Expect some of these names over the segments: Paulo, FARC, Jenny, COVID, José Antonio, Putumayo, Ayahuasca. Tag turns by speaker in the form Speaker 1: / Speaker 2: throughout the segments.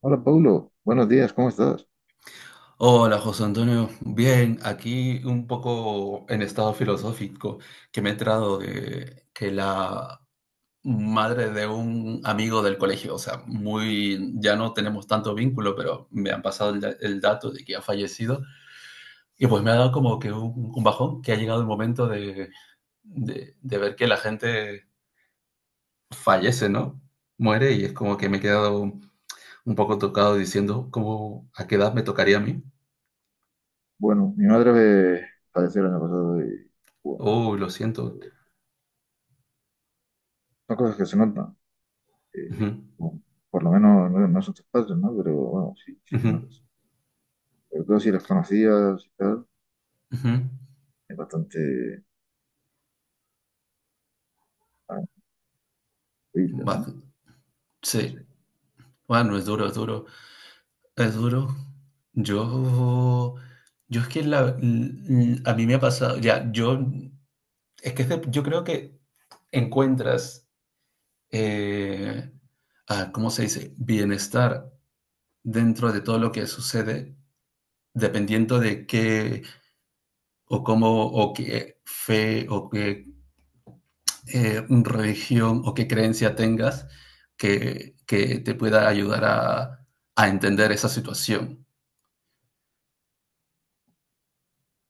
Speaker 1: Hola, Paulo. Buenos días, ¿cómo estás?
Speaker 2: Hola José Antonio, bien, aquí un poco en estado filosófico, que me he enterado de que la madre de un amigo del colegio, o sea, muy, ya no tenemos tanto vínculo, pero me han pasado el dato de que ha fallecido. Y pues me ha dado como que un bajón, que ha llegado el momento de ver que la gente fallece, ¿no? Muere, y es como que me he quedado un poco tocado diciendo, ¿cómo, a qué edad me tocaría a mí?
Speaker 1: Bueno, mi madre padeció el año pasado y, bueno,
Speaker 2: Oh, lo siento.
Speaker 1: son cosas que se notan. eh,
Speaker 2: Ujú.
Speaker 1: bueno, por lo menos no son tus padres, ¿no? Pero, bueno, sí, sí se
Speaker 2: Ujú,
Speaker 1: notan. Sobre todo si las conocías y tal,
Speaker 2: ujú.
Speaker 1: es bastante ah, horrible, ¿no?
Speaker 2: Va-
Speaker 1: No
Speaker 2: sí,
Speaker 1: sé.
Speaker 2: bueno, es duro, es duro, es duro. Yo, yo es que a mí me ha pasado, ya, yo, es que es de- yo creo que encuentras, eh, ¿cómo se dice? Bienestar dentro de todo lo que sucede, dependiendo de qué, o cómo, o qué fe, o qué religión, o qué creencia tengas que te pueda ayudar a entender esa situación.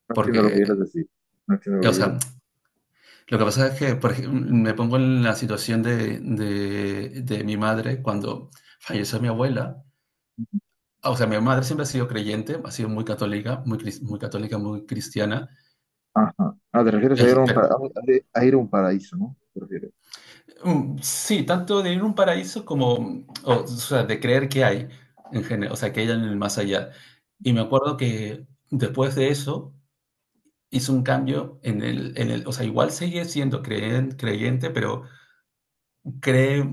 Speaker 1: No entiendo
Speaker 2: Porque,
Speaker 1: lo que quieres decir. No entiendo lo
Speaker 2: o
Speaker 1: que quieres
Speaker 2: sea,
Speaker 1: decir.
Speaker 2: lo que pasa es que me pongo en la situación de mi madre cuando falleció mi abuela. O sea, mi madre siempre ha sido creyente, ha sido muy católica, muy católica, muy cristiana,
Speaker 1: Ajá. Ah, te refieres a ir a un,
Speaker 2: pero
Speaker 1: para- a- un- a ir a un paraíso, ¿no? Te refieres.
Speaker 2: mm, sí, tanto de ir a un paraíso como, o sea, de creer que hay, en general, o sea, que hay en el más allá. Y me acuerdo que después de eso hice un cambio o sea, igual seguí siendo creyente, pero cree,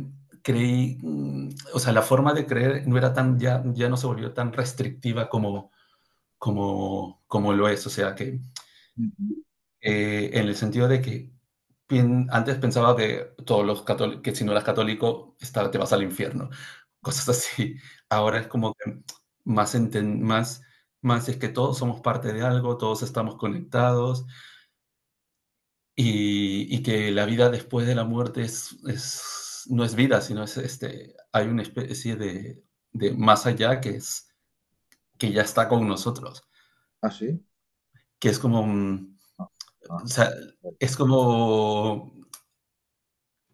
Speaker 2: creí, o sea, la forma de creer no era tan, ya, ya no se volvió tan restrictiva como, como lo es, o sea, que
Speaker 1: Ujú.
Speaker 2: en el sentido de que antes pensaba que todos los católicos, que si no eras católico, te vas al infierno, cosas así. Ahora es como que más, enten- más, más es que todos somos parte de algo, todos estamos conectados, y que la vida después de la muerte no es vida, sino es este, hay una especie de más allá que es que ya está con nosotros,
Speaker 1: ¿Ah, sí?
Speaker 2: que es como,
Speaker 1: Ah,
Speaker 2: o
Speaker 1: ah,
Speaker 2: sea,
Speaker 1: vale.
Speaker 2: es como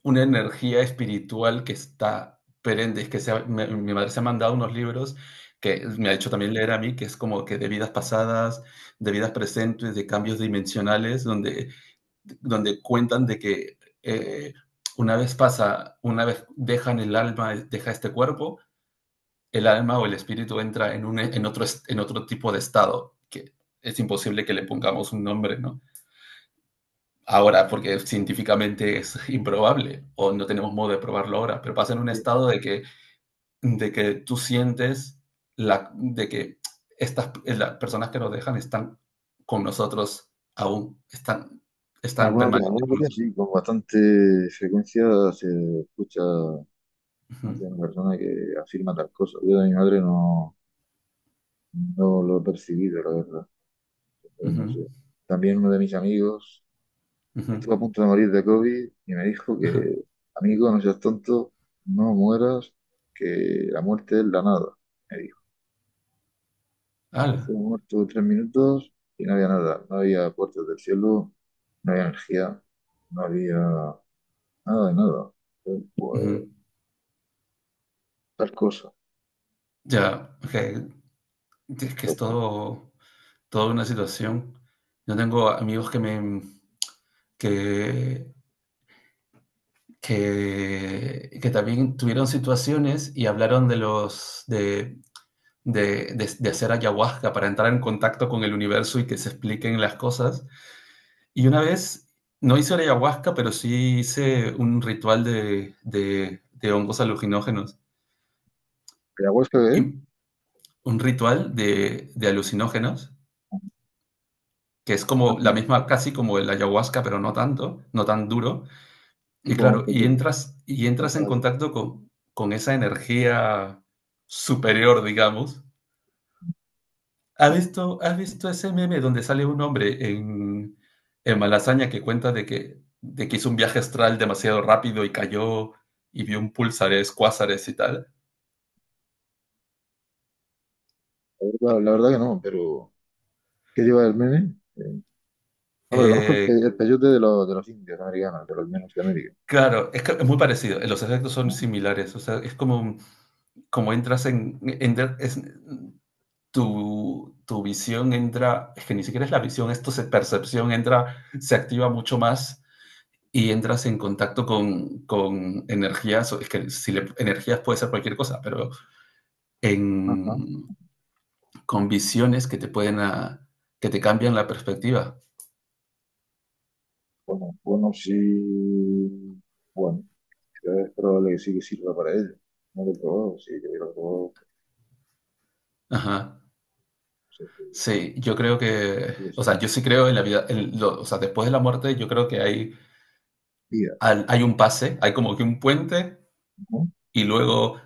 Speaker 2: una energía espiritual que está perenne. Es que mi madre se ha mandado unos libros que me ha hecho también leer a mí, que es como que de vidas pasadas, de vidas presentes, de cambios dimensionales, donde cuentan de que una vez pasa, una vez dejan el alma, deja este cuerpo, el alma o el espíritu entra en otro tipo de estado, que es imposible que le pongamos un nombre, ¿no? Ahora, porque científicamente es improbable, o no tenemos modo de probarlo ahora, pero pasa en un
Speaker 1: Sí,
Speaker 2: estado de que tú sientes la, de que estas las personas que nos dejan están con nosotros aún, están
Speaker 1: algunas veces,
Speaker 2: permanentes
Speaker 1: algunas
Speaker 2: con
Speaker 1: veces
Speaker 2: nosotros.
Speaker 1: sí, con bastante frecuencia se escucha
Speaker 2: Ujú,
Speaker 1: más de una persona que afirma tal cosa. Yo de mi madre no, no lo he percibido, la verdad. Pero no
Speaker 2: ujú,
Speaker 1: sé. También uno de mis amigos
Speaker 2: ujú,
Speaker 1: estuvo a punto de morir de COVID y me dijo
Speaker 2: ajá,
Speaker 1: que, amigo, no seas tonto, no mueras, que la muerte es la nada, me dijo.
Speaker 2: ala,
Speaker 1: Estuvo muerto 3 minutos y no había nada, no había puertas del cielo, no había energía, no había nada de nada. Pues,
Speaker 2: ujú.
Speaker 1: tal cosa.
Speaker 2: Ya, ok. Es que es
Speaker 1: Entonces,
Speaker 2: toda una situación. Yo tengo amigos que me, que, que también tuvieron situaciones y hablaron de los de hacer ayahuasca para entrar en contacto con el universo, y que se expliquen las cosas. Y una vez, no hice ayahuasca, pero sí hice un ritual de hongos alucinógenos.
Speaker 1: Ayahuasca, ¿eh?
Speaker 2: Y un ritual de alucinógenos, que es
Speaker 1: Ah,
Speaker 2: como la misma, casi como el ayahuasca, pero no tanto, no tan duro. Y
Speaker 1: tipo,
Speaker 2: claro, y entras
Speaker 1: cosas
Speaker 2: en
Speaker 1: así.
Speaker 2: contacto con esa energía superior, digamos. ¿Has visto ese meme donde sale un hombre en Malasaña, que cuenta de que hizo un viaje astral demasiado rápido y cayó, y vio un pulsares, cuásares y tal?
Speaker 1: La la verdad que no, pero ¿qué lleva el meme? Hombre, conozco el, pe-
Speaker 2: Eh,
Speaker 1: el peyote de los indios americanos, de los menos de América.
Speaker 2: claro, que es muy parecido. Los efectos son similares. O sea, es como, como entras en- es- tu visión entra, es que ni siquiera es la visión, esto es percepción, entra, se activa mucho más y entras en contacto con energías, es que si le- energías puede ser cualquier cosa, pero
Speaker 1: Ajá.
Speaker 2: en, con visiones que te pueden, que te cambian la perspectiva.
Speaker 1: Bueno, bueno, sí. Bueno, es probable que sí que sirva para ello. No lo he probado, sí que lo he probado.
Speaker 2: Ajá.
Speaker 1: No sé si
Speaker 2: Sí,
Speaker 1: si es
Speaker 2: o sea,
Speaker 1: una
Speaker 2: yo sí creo en la vida, o sea, después de la muerte yo creo que
Speaker 1: vida,
Speaker 2: hay un pase, hay como que un puente
Speaker 1: ¿no?
Speaker 2: y luego,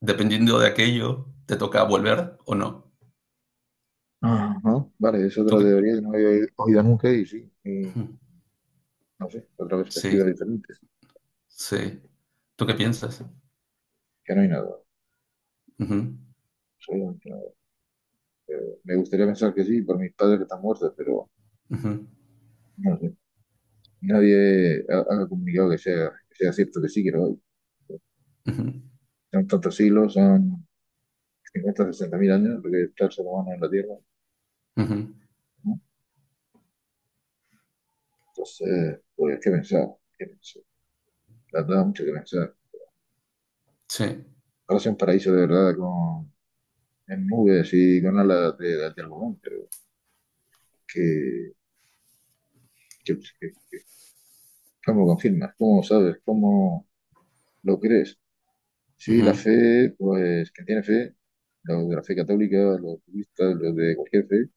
Speaker 2: dependiendo de aquello, te toca volver o no.
Speaker 1: Ajá. Vale, es
Speaker 2: ¿Tú
Speaker 1: otra
Speaker 2: qué?
Speaker 1: teoría que no había oído nunca y sí. Y,
Speaker 2: Ujú.
Speaker 1: no sé, otra perspectiva
Speaker 2: Sí,
Speaker 1: diferente.
Speaker 2: sí. ¿Tú qué piensas?
Speaker 1: Que no hay nada,
Speaker 2: Ujú,
Speaker 1: absolutamente nada. Eh, Me gustaría pensar que sí, por mis padres que están muertos, pero
Speaker 2: ujú,
Speaker 1: no sé. Nadie ha comunicado que sea cierto que sí, que lo hay.
Speaker 2: ujú,
Speaker 1: Son tantos siglos, son 50 60 mil años lo que está el ser humano en la Tierra,
Speaker 2: ujú.
Speaker 1: ¿no? Entonces, pues, ¿qué pensar? ¿Qué pensar? La verdad, mucho que pensar.
Speaker 2: Sí,
Speaker 1: Ahora sea un paraíso de verdad con, en nubes y con alas de algodón, pero que, que- que- ¿cómo lo confirmas? ¿Cómo lo sabes? ¿Cómo lo crees? Sí, la
Speaker 2: ujú,
Speaker 1: fe, pues quien tiene fe, los de la fe católica, los budistas, los de cualquier fe,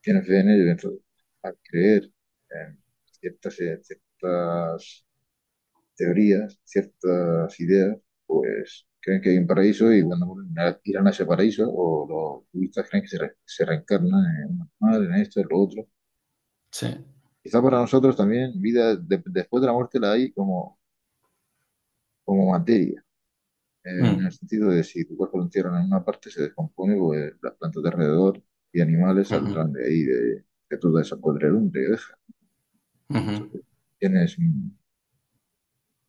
Speaker 1: tienen fe en ello. Entonces, al creer en ciertas teorías, ciertas ideas, pues creen que hay un paraíso y cuando mueren irán a ese paraíso, o los budistas creen que se reencarnan en un animal, en esto, en lo otro.
Speaker 2: sí.
Speaker 1: Quizá para nosotros también vida después de la muerte la hay como, como materia. En el
Speaker 2: Mm,
Speaker 1: sentido de si tu cuerpo lo entierran en una parte, se descompone, pues las plantas de alrededor y animales saldrán
Speaker 2: ujú,
Speaker 1: de ahí, de toda esa podredumbre que deja.
Speaker 2: ujú.
Speaker 1: Tienes,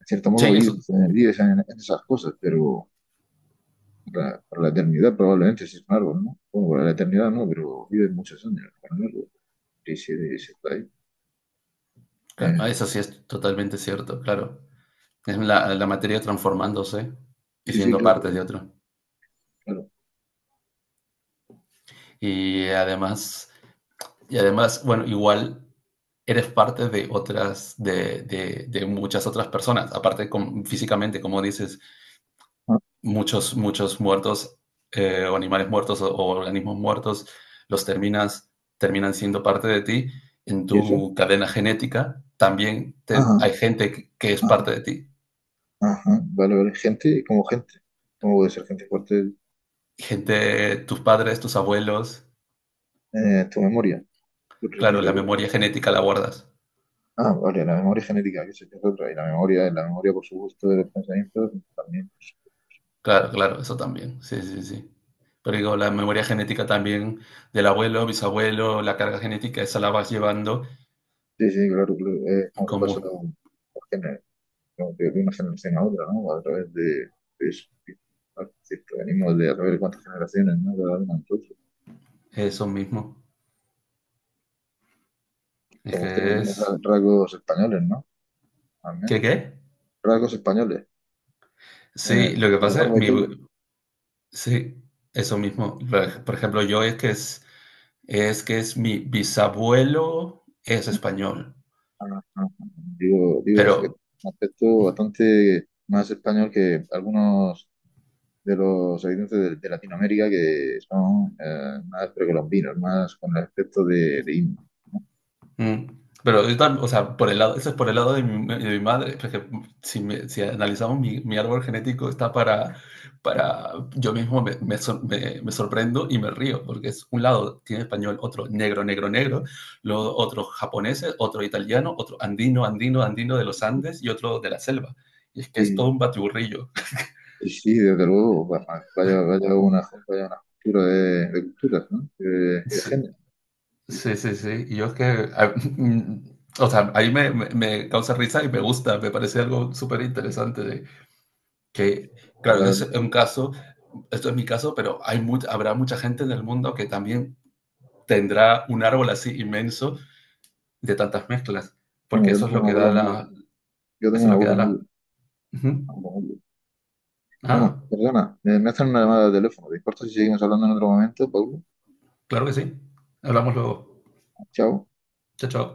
Speaker 1: en cierto
Speaker 2: Sí,
Speaker 1: modo,
Speaker 2: eso,
Speaker 1: vives, vives en esas cosas, pero para la eternidad probablemente si es un árbol, ¿no? Bueno, para la eternidad no, pero vives muchos años con un árbol. Y si está ahí.
Speaker 2: claro, ah,
Speaker 1: Eh,
Speaker 2: eso sí es totalmente cierto, claro. Es la materia transformándose y
Speaker 1: sí, sí,
Speaker 2: siendo parte
Speaker 1: claro,
Speaker 2: de otro.
Speaker 1: claro.
Speaker 2: Y además, bueno, igual eres parte de otras, de muchas otras personas, aparte con, físicamente, como dices.
Speaker 1: Ah,
Speaker 2: Muchos muertos o animales muertos, o organismos muertos, los terminas, terminan siendo parte de ti en
Speaker 1: ¿y eso?
Speaker 2: tu cadena genética, también
Speaker 1: Ajá,
Speaker 2: hay gente que es parte
Speaker 1: ajá,
Speaker 2: de ti.
Speaker 1: ajá. Vale, vale. Gente como gente. ¿Cómo puede ser gente fuerte
Speaker 2: Gente, tus padres, tus abuelos.
Speaker 1: tu memoria? Yo ni
Speaker 2: Claro, la
Speaker 1: recuerdo.
Speaker 2: memoria genética la guardas.
Speaker 1: Ah, vale, la memoria genética, que se es otra, y la memoria por su gusto de los pensamientos también.
Speaker 2: Claro, claro, eso también. Sí, sí, sí. Pero digo, la memoria genética también del abuelo, bisabuelo, la carga genética, esa la vas llevando
Speaker 1: Sí, sí, claro, claro, es como se
Speaker 2: como
Speaker 1: pasa de una generación a otra, ¿no? A través de eso. Sí. Claro, es que venimos de a través de cuántas generaciones, ¿no? Cada uno de nosotros.
Speaker 2: eso mismo. Es
Speaker 1: Como
Speaker 2: que
Speaker 1: ustedes que tiene
Speaker 2: es...
Speaker 1: rasgos españoles, ¿no?
Speaker 2: ¿Qué
Speaker 1: También
Speaker 2: qué?
Speaker 1: rasgos españoles,
Speaker 2: Sí, lo que
Speaker 1: de la
Speaker 2: pasa es
Speaker 1: barba y
Speaker 2: mi,
Speaker 1: pelo.
Speaker 2: sí, eso mismo. Por ejemplo, yo es que es mi bisabuelo es español,
Speaker 1: Ah, ah, ah. Digo, digo, es que
Speaker 2: pero,
Speaker 1: un aspecto bastante más español que algunos de los habitantes de Latinoamérica que son más precolombinos, más con el aspecto de indio, ¿no?
Speaker 2: mm. Pero, o sea, por el lado, eso es por el lado de mi madre, porque si, si analizamos mi árbol genético, está para yo mismo me sorprendo y me río, porque es un lado tiene español, otro negro, negro, negro, luego otro japoneses, otro italiano, otro andino, andino, andino de los Andes y otro de la selva. Y es que es todo
Speaker 1: Y,
Speaker 2: un batiburrillo.
Speaker 1: y sí, desde luego, vaya una, vaya una cultura de culturas, ¿no? Y de
Speaker 2: Sí,
Speaker 1: género. Y
Speaker 2: sí, sí, sí. Y yo es que, a- o sea, ahí me causa risa y me gusta, me parece algo súper interesante. Que,
Speaker 1: la
Speaker 2: claro,
Speaker 1: verdad,
Speaker 2: ese es un caso, esto es mi caso, pero hay habrá mucha gente en el mundo que también tendrá un árbol así inmenso de tantas mezclas,
Speaker 1: bueno,
Speaker 2: porque eso es lo que da la...
Speaker 1: yo tengo
Speaker 2: Eso
Speaker 1: un
Speaker 2: es lo que
Speaker 1: abuelo
Speaker 2: da la...
Speaker 1: muy,
Speaker 2: Uh -huh.
Speaker 1: abuelo muy- bueno,
Speaker 2: Ah,
Speaker 1: perdona, me hacen una llamada de teléfono. ¿Te importa si seguimos hablando en otro momento, Pablo?
Speaker 2: claro que sí. Hablamos luego.
Speaker 1: Chao.
Speaker 2: Chao, chao.